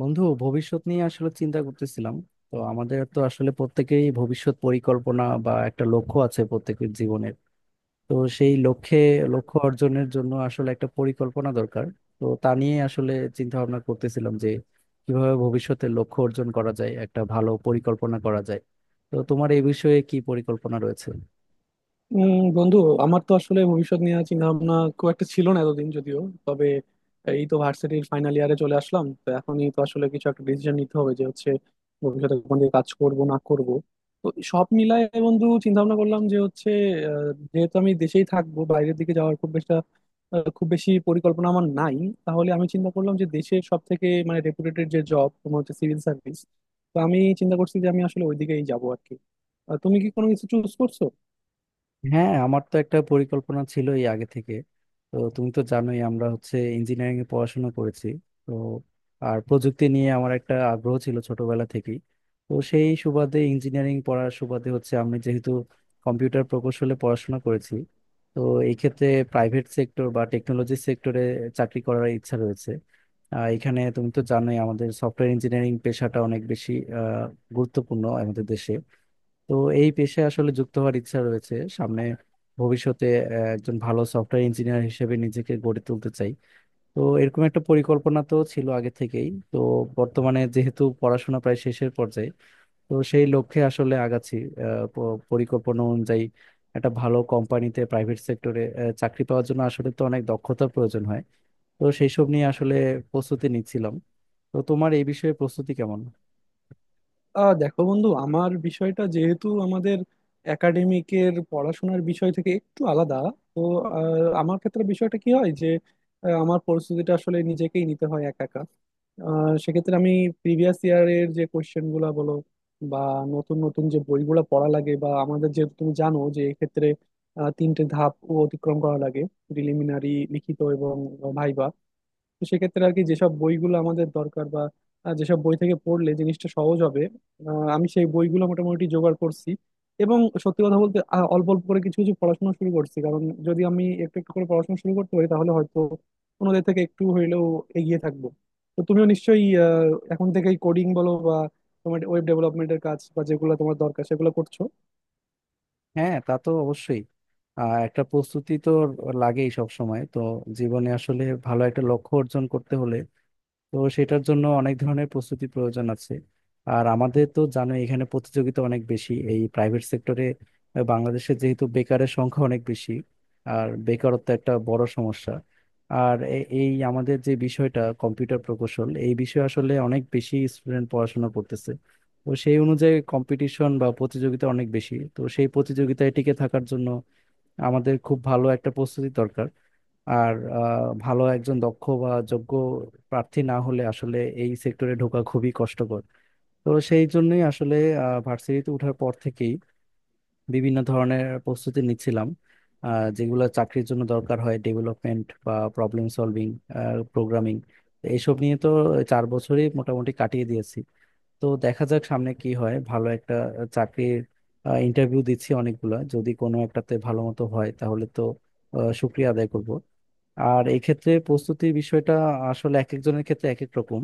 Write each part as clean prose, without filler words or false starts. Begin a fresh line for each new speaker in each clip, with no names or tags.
বন্ধু, ভবিষ্যৎ নিয়ে আসলে চিন্তা করতেছিলাম। তো আমাদের তো আসলে প্রত্যেকেই ভবিষ্যৎ পরিকল্পনা বা একটা লক্ষ্য আছে প্রত্যেকের জীবনের। তো সেই লক্ষ্যে লক্ষ্য অর্জনের জন্য আসলে একটা পরিকল্পনা দরকার। তো তা নিয়ে আসলে চিন্তা ভাবনা করতেছিলাম যে কিভাবে ভবিষ্যতে লক্ষ্য অর্জন করা যায়, একটা ভালো পরিকল্পনা করা যায়। তো তোমার এই বিষয়ে কি পরিকল্পনা রয়েছে?
উম বন্ধু, আমার তো আসলে ভবিষ্যৎ নিয়ে চিন্তা ভাবনা খুব একটা ছিল না এতদিন যদিও। তবে এই তো ভার্সিটির ফাইনাল ইয়ারে চলে আসলাম, তো এখনই তো আসলে কিছু একটা ডিসিশন নিতে হবে যে হচ্ছে ভবিষ্যতে কোন দিকে কাজ করব না করব। তো সব মিলায় বন্ধু চিন্তা ভাবনা করলাম যে হচ্ছে যেহেতু আমি দেশেই থাকবো, বাইরের দিকে যাওয়ার খুব বেশি পরিকল্পনা আমার নাই। তাহলে আমি চিন্তা করলাম যে দেশের সব থেকে মানে রেপুটেটেড যে জব তোমার হচ্ছে সিভিল সার্ভিস, তো আমি চিন্তা করছি যে আমি আসলে ওইদিকেই যাবো আর কি। তুমি কি কোনো কিছু চুজ করছো?
হ্যাঁ, আমার তো একটা পরিকল্পনা ছিল এই আগে থেকে। তো তুমি তো জানোই আমরা হচ্ছে ইঞ্জিনিয়ারিং এ পড়াশোনা করেছি। তো আর প্রযুক্তি নিয়ে আমার একটা আগ্রহ ছিল ছোটবেলা থেকেই। তো সেই সুবাদে ইঞ্জিনিয়ারিং পড়ার সুবাদে হচ্ছে আমি যেহেতু কম্পিউটার প্রকৌশলে পড়াশোনা করেছি, তো এই ক্ষেত্রে প্রাইভেট সেক্টর বা টেকনোলজি সেক্টরে চাকরি করার ইচ্ছা রয়েছে। এখানে তুমি তো জানোই আমাদের সফটওয়্যার ইঞ্জিনিয়ারিং পেশাটা অনেক বেশি গুরুত্বপূর্ণ আমাদের দেশে। তো এই পেশায় আসলে যুক্ত হওয়ার ইচ্ছা রয়েছে সামনে ভবিষ্যতে। একজন ভালো সফটওয়্যার ইঞ্জিনিয়ার হিসেবে নিজেকে গড়ে তুলতে চাই। তো এরকম একটা পরিকল্পনা তো ছিল আগে থেকেই। তো বর্তমানে যেহেতু পড়াশোনা প্রায় শেষের পর্যায়ে, তো সেই লক্ষ্যে আসলে আগাচ্ছি। পরিকল্পনা অনুযায়ী একটা ভালো কোম্পানিতে প্রাইভেট সেক্টরে চাকরি পাওয়ার জন্য আসলে তো অনেক দক্ষতার প্রয়োজন হয়। তো সেই সব নিয়ে আসলে প্রস্তুতি নিচ্ছিলাম। তো তোমার এই বিষয়ে প্রস্তুতি কেমন?
দেখো বন্ধু, আমার বিষয়টা যেহেতু আমাদের একাডেমিকের পড়াশোনার বিষয় থেকে একটু আলাদা, তো আহ, আমার ক্ষেত্রে বিষয়টা কি হয় যে আমার পরিস্থিতিটা আসলে নিজেকেই নিতে হয় একা একা। সেক্ষেত্রে আমি প্রিভিয়াস ইয়ারের যে কোয়েশ্চেন গুলা বলো বা নতুন নতুন যে বইগুলো পড়া লাগে, বা আমাদের যেহেতু তুমি জানো যে এক্ষেত্রে 3টে ধাপ অতিক্রম করা লাগে: প্রিলিমিনারি, লিখিত এবং ভাইবা। তো সেক্ষেত্রে আর কি যেসব বইগুলো আমাদের দরকার বা যেসব বই থেকে পড়লে জিনিসটা সহজ হবে, আহ, আমি সেই বইগুলো মোটামুটি জোগাড় করছি। এবং সত্যি কথা বলতে অল্প অল্প করে কিছু কিছু পড়াশোনা শুরু করছি, কারণ যদি আমি একটু একটু করে পড়াশোনা শুরু করতে পারি তাহলে হয়তো অন্যদের থেকে একটু হইলেও এগিয়ে থাকবো। তো তুমিও নিশ্চয়ই এখন থেকেই কোডিং বলো বা তোমার ওয়েব ডেভেলপমেন্টের কাজ বা যেগুলো তোমার দরকার সেগুলো করছো।
হ্যাঁ, তা তো অবশ্যই। একটা প্রস্তুতি তো লাগেই সব সময়, তো জীবনে আসলে ভালো একটা লক্ষ্য অর্জন করতে হলে, তো সেটার জন্য অনেক ধরনের প্রস্তুতি প্রয়োজন আছে। আর আমাদের তো জানো এখানে প্রতিযোগিতা অনেক বেশি এই প্রাইভেট সেক্টরে। বাংলাদেশে যেহেতু বেকারের সংখ্যা অনেক বেশি, আর বেকারত্ব একটা বড় সমস্যা। আর এই আমাদের যে বিষয়টা কম্পিউটার প্রকৌশল, এই বিষয়ে আসলে অনেক বেশি স্টুডেন্ট পড়াশোনা করতেছে। তো সেই অনুযায়ী কম্পিটিশন বা প্রতিযোগিতা অনেক বেশি, তো সেই প্রতিযোগিতায় টিকে থাকার জন্য আমাদের খুব ভালো একটা প্রস্তুতি দরকার। আর ভালো একজন দক্ষ বা যোগ্য প্রার্থী না হলে আসলে এই সেক্টরে ঢোকা খুবই কষ্টকর। তো সেই জন্যই আসলে ভার্সিটিতে ওঠার পর থেকেই বিভিন্ন ধরনের প্রস্তুতি নিচ্ছিলাম। যেগুলো চাকরির জন্য দরকার হয়, ডেভেলপমেন্ট বা প্রবলেম সলভিং, প্রোগ্রামিং, এইসব নিয়ে তো 4 বছরই মোটামুটি কাটিয়ে দিয়েছি। তো দেখা যাক সামনে কি হয়। ভালো একটা চাকরির ইন্টারভিউ দিচ্ছি অনেকগুলা, যদি কোনো একটাতে ভালো মতো হয় তাহলে তো শুক্রিয়া আদায় করব। আর এই ক্ষেত্রে প্রস্তুতির বিষয়টা আসলে এক একজনের ক্ষেত্রে এক এক রকম।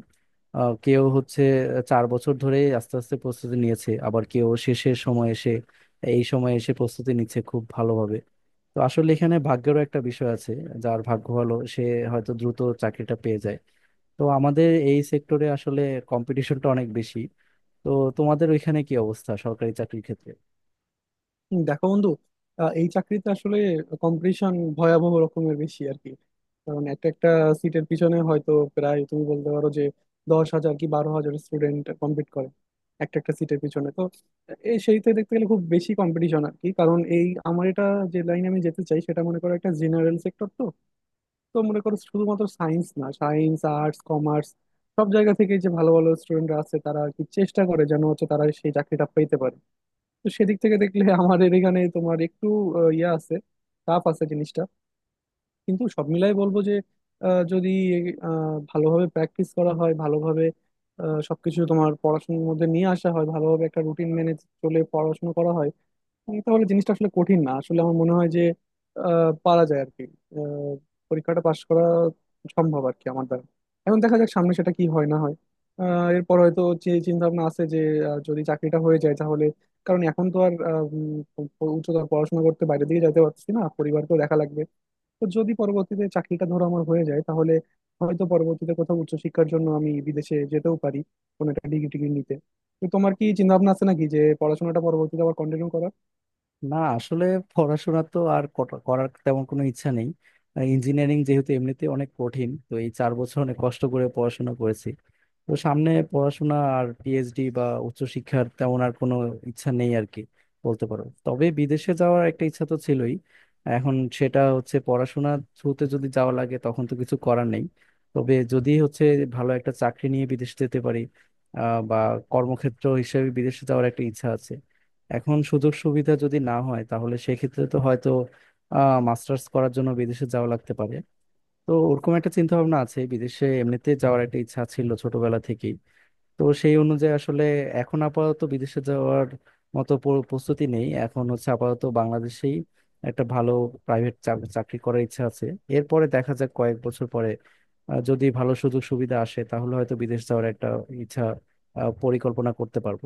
কেউ হচ্ছে 4 বছর ধরে আস্তে আস্তে প্রস্তুতি নিয়েছে, আবার কেউ শেষের সময় এসে এই সময় এসে প্রস্তুতি নিচ্ছে খুব ভালোভাবে। তো আসলে এখানে ভাগ্যেরও একটা বিষয় আছে। যার ভাগ্য ভালো সে হয়তো দ্রুত চাকরিটা পেয়ে যায়। তো আমাদের এই সেক্টরে আসলে কম্পিটিশনটা অনেক বেশি। তো তোমাদের ওইখানে কি অবস্থা সরকারি চাকরির ক্ষেত্রে?
হুম, দেখো বন্ধু, এই চাকরিতে আসলে কম্পিটিশন ভয়াবহ রকমের বেশি আর কি। কারণ একটা একটা সিটের পিছনে হয়তো প্রায় তুমি বলতে পারো যে 10 হাজার কি 12 হাজার স্টুডেন্ট কম্পিট করে একটা একটা সিটের পিছনে। তো এই সেইতে দেখতে গেলে খুব বেশি কম্পিটিশন আর কি, কারণ এই আমার এটা যে লাইনে আমি যেতে চাই সেটা মনে করো একটা জেনারেল সেক্টর। তো তো মনে করো শুধুমাত্র সায়েন্স না, সায়েন্স আর্টস কমার্স সব জায়গা থেকে যে ভালো ভালো স্টুডেন্টরা আছে তারা আর কি চেষ্টা করে যেন হচ্ছে তারা সেই চাকরিটা পেতে পারে। তো সেদিক থেকে দেখলে আমাদের এখানে তোমার একটু ইয়ে আছে, টাফ আছে জিনিসটা। কিন্তু সব মিলাই বলবো যে যদি ভালোভাবে প্র্যাকটিস করা হয়, ভালোভাবে সবকিছু তোমার পড়াশোনার মধ্যে নিয়ে আসা হয়, ভালোভাবে একটা রুটিন মেনে চলে পড়াশোনা করা হয়, তাহলে জিনিসটা আসলে কঠিন না। আসলে আমার মনে হয় যে পারা যায় আর কি। আহ, পরীক্ষাটা পাশ করা সম্ভব আর কি আমার দ্বারা। এখন দেখা যাক সামনে সেটা কি হয় না হয়। এরপর হয়তো যে চিন্তা ভাবনা আছে যে যদি চাকরিটা হয়ে যায় তাহলে, কারণ এখন তো আর উচ্চতর পড়াশোনা করতে বাইরে দিকে যেতে পারছি না, পরিবারকেও দেখা লাগবে। তো যদি পরবর্তীতে চাকরিটা ধরো আমার হয়ে যায় তাহলে হয়তো পরবর্তীতে কোথাও উচ্চশিক্ষার জন্য আমি বিদেশে যেতেও পারি কোনো একটা ডিগ্রি টিগ্রি নিতে। তো তোমার কি চিন্তা ভাবনা আছে নাকি যে পড়াশোনাটা পরবর্তীতে আবার কন্টিনিউ করার?
না আসলে পড়াশোনা তো আর করার তেমন কোনো ইচ্ছা নেই। ইঞ্জিনিয়ারিং যেহেতু এমনিতে অনেক কঠিন, তো এই 4 বছর অনেক কষ্ট করে পড়াশোনা করেছি। তো সামনে পড়াশোনা আর পিএইচডি বা উচ্চশিক্ষার তেমন আর কোনো ইচ্ছা নেই আর কি, বলতে পারো। তবে বিদেশে যাওয়ার একটা ইচ্ছা তো ছিলই। এখন সেটা হচ্ছে পড়াশোনা থ্রুতে যদি যাওয়া লাগে তখন তো কিছু করার নেই। তবে যদি হচ্ছে ভালো একটা চাকরি নিয়ে বিদেশে যেতে পারি, বা কর্মক্ষেত্র হিসেবে বিদেশে যাওয়ার একটা ইচ্ছা আছে। এখন সুযোগ সুবিধা যদি না হয় তাহলে সেক্ষেত্রে তো হয়তো মাস্টার্স করার জন্য বিদেশে যাওয়া লাগতে পারে। তো ওরকম একটা চিন্তা ভাবনা আছে। বিদেশে এমনিতে যাওয়ার একটা ইচ্ছা ছিল ছোটবেলা থেকেই। তো সেই অনুযায়ী আসলে এখন আপাতত বিদেশে যাওয়ার মতো প্রস্তুতি নেই। এখন হচ্ছে আপাতত বাংলাদেশেই একটা ভালো প্রাইভেট চাকরি করার ইচ্ছা আছে। এরপরে দেখা যাক কয়েক বছর পরে যদি ভালো সুযোগ সুবিধা আসে তাহলে হয়তো বিদেশ যাওয়ার একটা ইচ্ছা, পরিকল্পনা করতে পারবো।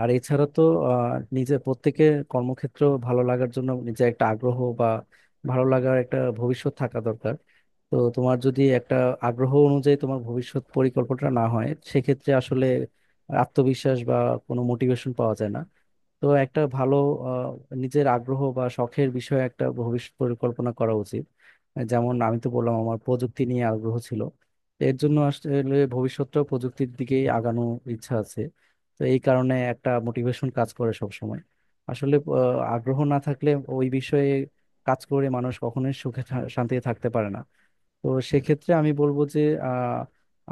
আর এছাড়া তো আহ, নিজে প্রত্যেকে কর্মক্ষেত্র ভালো লাগার জন্য নিজে একটা আগ্রহ বা ভালো লাগার একটা ভবিষ্যৎ থাকা দরকার। তো তোমার যদি একটা আগ্রহ অনুযায়ী তোমার ভবিষ্যৎ পরিকল্পনা না হয় সেক্ষেত্রে আসলে আত্মবিশ্বাস বা কোনো মোটিভেশন পাওয়া যায় না। তো একটা ভালো নিজের আগ্রহ বা শখের বিষয়ে একটা ভবিষ্যৎ পরিকল্পনা করা উচিত। যেমন আমি তো বললাম আমার প্রযুক্তি নিয়ে আগ্রহ ছিল, তো এর জন্য আসলে ভবিষ্যৎটাও প্রযুক্তির দিকেই আগানো ইচ্ছা আছে। তো এই কারণে একটা মোটিভেশন কাজ করে সব সময়। আসলে আগ্রহ না থাকলে ওই বিষয়ে কাজ করে মানুষ কখনোই সুখে শান্তিতে থাকতে পারে না। তো সেক্ষেত্রে আমি বলবো যে আহ,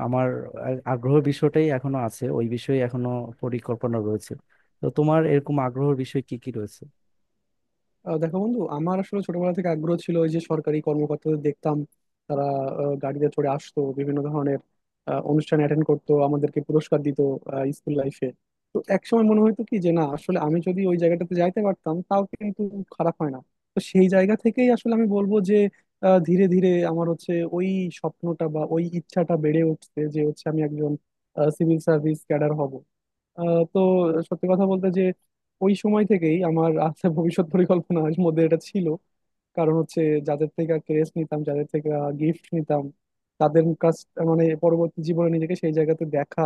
আমার আগ্রহ বিষয়টাই এখনো আছে, ওই বিষয়ে এখনো পরিকল্পনা রয়েছে। তো তোমার এরকম আগ্রহের বিষয় কি কি রয়েছে?
দেখো বন্ধু, আমার আসলে ছোটবেলা থেকে আগ্রহ ছিল ওই যে সরকারি কর্মকর্তাদের দেখতাম তারা গাড়িতে চড়ে আসতো, বিভিন্ন ধরনের অনুষ্ঠান অ্যাটেন্ড করতো, আমাদেরকে পুরস্কার দিত স্কুল লাইফে। তো একসময় মনে হতো কি যে না আসলে আমি যদি ওই জায়গাটাতে যাইতে পারতাম তাও কিন্তু খারাপ হয় না। তো সেই জায়গা থেকেই আসলে আমি বলবো যে ধীরে ধীরে আমার হচ্ছে ওই স্বপ্নটা বা ওই ইচ্ছাটা বেড়ে উঠছে যে হচ্ছে আমি একজন সিভিল সার্ভিস ক্যাডার হব। তো সত্যি কথা বলতে যে ওই সময় থেকেই আমার আছে ভবিষ্যৎ পরিকল্পনার মধ্যে এটা ছিল। কারণ হচ্ছে যাদের থেকে ক্রেজ নিতাম, যাদের থেকে গিফট নিতাম তাদের কাছ, মানে পরবর্তী জীবনে নিজেকে সেই জায়গাতে দেখা,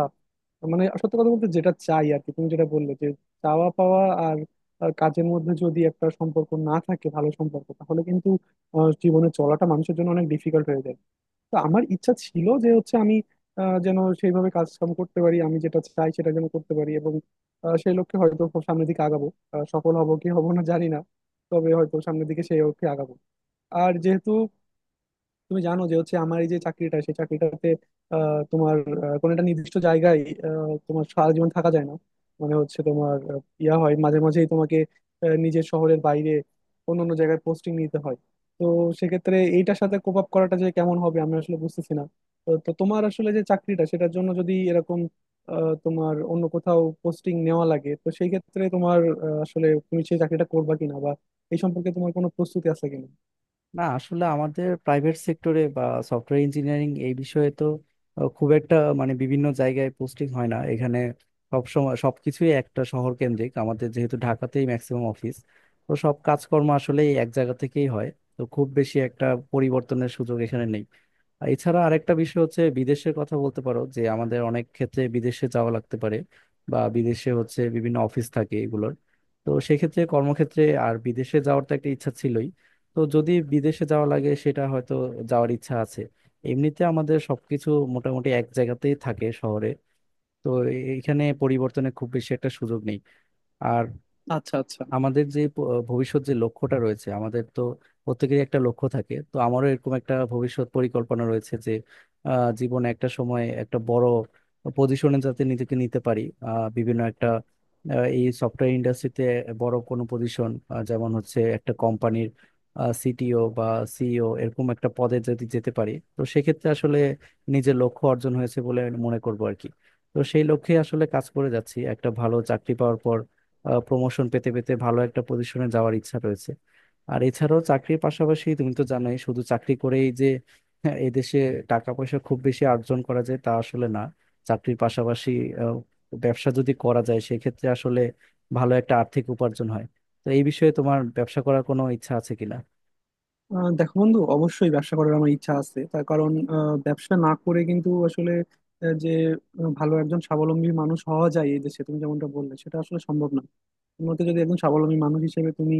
মানে সত্যি কথা বলতে যেটা চাই আর কি। তুমি যেটা বললে যে চাওয়া পাওয়া আর কাজের মধ্যে যদি একটা সম্পর্ক না থাকে, ভালো সম্পর্ক, তাহলে কিন্তু জীবনে চলাটা মানুষের জন্য অনেক ডিফিকাল্ট হয়ে যায়। তো আমার ইচ্ছা ছিল যে হচ্ছে আমি যেন সেইভাবে কাজ কাম করতে পারি, আমি যেটা চাই সেটা যেন করতে পারি, এবং সেই লক্ষ্যে হয়তো খুব সামনের দিকে আগাবো। সফল হব কি হব না জানি না, তবে হয়তো সামনের দিকে সেই লক্ষ্যে আগাবো। আর যেহেতু তুমি জানো যে হচ্ছে আমার এই যে চাকরিটা, সেই চাকরিটাতে আহ, তোমার কোনো একটা নির্দিষ্ট জায়গায় তোমার সারা জীবন থাকা যায় না। মানে হচ্ছে তোমার ইয়া হয়, মাঝে মাঝেই তোমাকে নিজের শহরের বাইরে অন্য অন্য জায়গায় পোস্টিং নিতে হয়। তো সেক্ষেত্রে এইটার সাথে কোপ আপ করাটা যে কেমন হবে আমি আসলে বুঝতেছি না। তো তো তোমার আসলে যে চাকরিটা সেটার জন্য যদি এরকম তোমার অন্য কোথাও পোস্টিং নেওয়া লাগে, তো সেই ক্ষেত্রে তোমার আসলে তুমি সেই চাকরিটা করবা কিনা বা এই সম্পর্কে তোমার কোনো প্রস্তুতি আছে কিনা?
না আসলে আমাদের প্রাইভেট সেক্টরে বা সফটওয়্যার ইঞ্জিনিয়ারিং এই বিষয়ে তো খুব একটা মানে বিভিন্ন জায়গায় পোস্টিং হয় না এখানে। সব সময় সবকিছুই একটা শহর কেন্দ্রিক, আমাদের যেহেতু ঢাকাতেই ম্যাক্সিমাম অফিস। তো সব কাজকর্ম আসলে এক জায়গা থেকেই হয়। তো খুব বেশি একটা পরিবর্তনের সুযোগ এখানে নেই। আর এছাড়া আরেকটা বিষয় হচ্ছে বিদেশের কথা বলতে পারো যে আমাদের অনেক ক্ষেত্রে বিদেশে যাওয়া লাগতে পারে, বা বিদেশে হচ্ছে বিভিন্ন অফিস থাকে এগুলোর। তো সেক্ষেত্রে কর্মক্ষেত্রে আর বিদেশে যাওয়ার তো একটা ইচ্ছা ছিলই। তো যদি বিদেশে যাওয়া লাগে সেটা হয়তো যাওয়ার ইচ্ছা আছে। এমনিতে আমাদের সবকিছু মোটামুটি এক জায়গাতেই থাকে শহরে। তো এখানে পরিবর্তনের খুব বেশি একটা সুযোগ নেই। আর
আচ্ছা, আচ্ছা।
আমাদের যে ভবিষ্যৎ যে লক্ষ্যটা রয়েছে আমাদের, তো প্রত্যেকেরই একটা লক্ষ্য থাকে, তো আমারও এরকম একটা ভবিষ্যৎ পরিকল্পনা রয়েছে যে জীবনে একটা সময় একটা বড় পজিশনে যাতে নিজেকে নিতে পারি। বিভিন্ন একটা এই সফটওয়্যার ইন্ডাস্ট্রিতে বড় কোনো পজিশন, যেমন হচ্ছে একটা কোম্পানির সিটিও বা সিইও, এরকম একটা পদে যদি যেতে পারি তো সেক্ষেত্রে আসলে নিজের লক্ষ্য অর্জন হয়েছে বলে মনে করবো আর কি। তো সেই লক্ষ্যে আসলে কাজ করে যাচ্ছি, একটা ভালো চাকরি পাওয়ার পর প্রমোশন পেতে পেতে ভালো একটা পজিশনে যাওয়ার ইচ্ছা রয়েছে। আর এছাড়াও চাকরির পাশাপাশি তুমি তো জানোই শুধু চাকরি করেই যে হ্যাঁ, এদেশে টাকা পয়সা খুব বেশি অর্জন করা যায় তা আসলে না। চাকরির পাশাপাশি আহ, ব্যবসা যদি করা যায় সেক্ষেত্রে আসলে ভালো একটা আর্থিক উপার্জন হয়। তো এই বিষয়ে তোমার ব্যবসা করার কোনো ইচ্ছা আছে কিনা?
দেখো বন্ধু, অবশ্যই ব্যবসা করার আমার ইচ্ছা আছে। তার কারণ ব্যবসা না করে কিন্তু আসলে আহ, যে ভালো একজন স্বাবলম্বী মানুষ হওয়া যায় এই দেশে তুমি যেমনটা বললে সেটা আসলে সম্ভব না। তোমার মতে যদি একজন স্বাবলম্বী মানুষ হিসেবে তুমি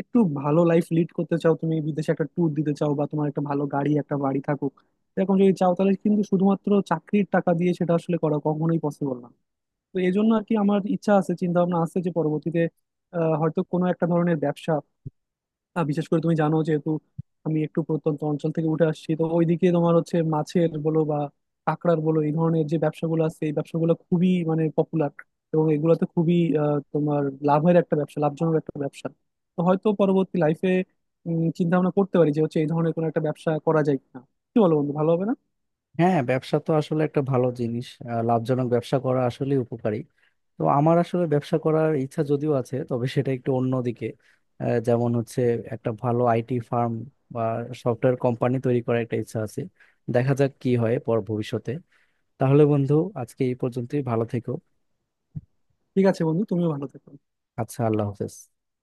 একটু ভালো লাইফ লিড করতে চাও, তুমি বিদেশে একটা ট্যুর দিতে চাও, বা তোমার একটা ভালো গাড়ি একটা বাড়ি থাকুক, এরকম যদি চাও তাহলে কিন্তু শুধুমাত্র চাকরির টাকা দিয়ে সেটা আসলে করা কখনোই পসিবল না। তো এই জন্য আর কি আমার ইচ্ছা আছে, চিন্তা ভাবনা আছে যে পরবর্তীতে হয়তো কোনো একটা ধরনের ব্যবসা, বিশেষ করে তুমি জানো যেহেতু আমি একটু প্রত্যন্ত অঞ্চল থেকে উঠে আসছি, তো ওইদিকে তোমার হচ্ছে মাছের বলো বা কাঁকড়ার বলো এই ধরনের যে ব্যবসাগুলো আছে, এই ব্যবসাগুলো খুবই মানে পপুলার। এবং এগুলোতে খুবই আহ, তোমার লাভের একটা ব্যবসা, লাভজনক একটা ব্যবসা। তো হয়তো পরবর্তী লাইফে চিন্তা ভাবনা করতে পারি যে হচ্ছে এই ধরনের কোনো একটা ব্যবসা করা যায় কিনা। কি বলো বন্ধু, ভালো হবে না?
হ্যাঁ, ব্যবসা তো আসলে একটা ভালো জিনিস। লাভজনক ব্যবসা করা আসলে উপকারী। তো আমার আসলে ব্যবসা করার ইচ্ছা যদিও আছে, তবে সেটা একটু অন্যদিকে। যেমন হচ্ছে একটা ভালো আইটি ফার্ম বা সফটওয়্যার কোম্পানি তৈরি করার একটা ইচ্ছা আছে। দেখা যাক কি হয় পর ভবিষ্যতে। তাহলে বন্ধু, আজকে এই পর্যন্তই, ভালো থেকো।
ঠিক আছে বন্ধু, তুমিও ভালো থেকো।
আচ্ছা, আল্লাহ হাফেজ।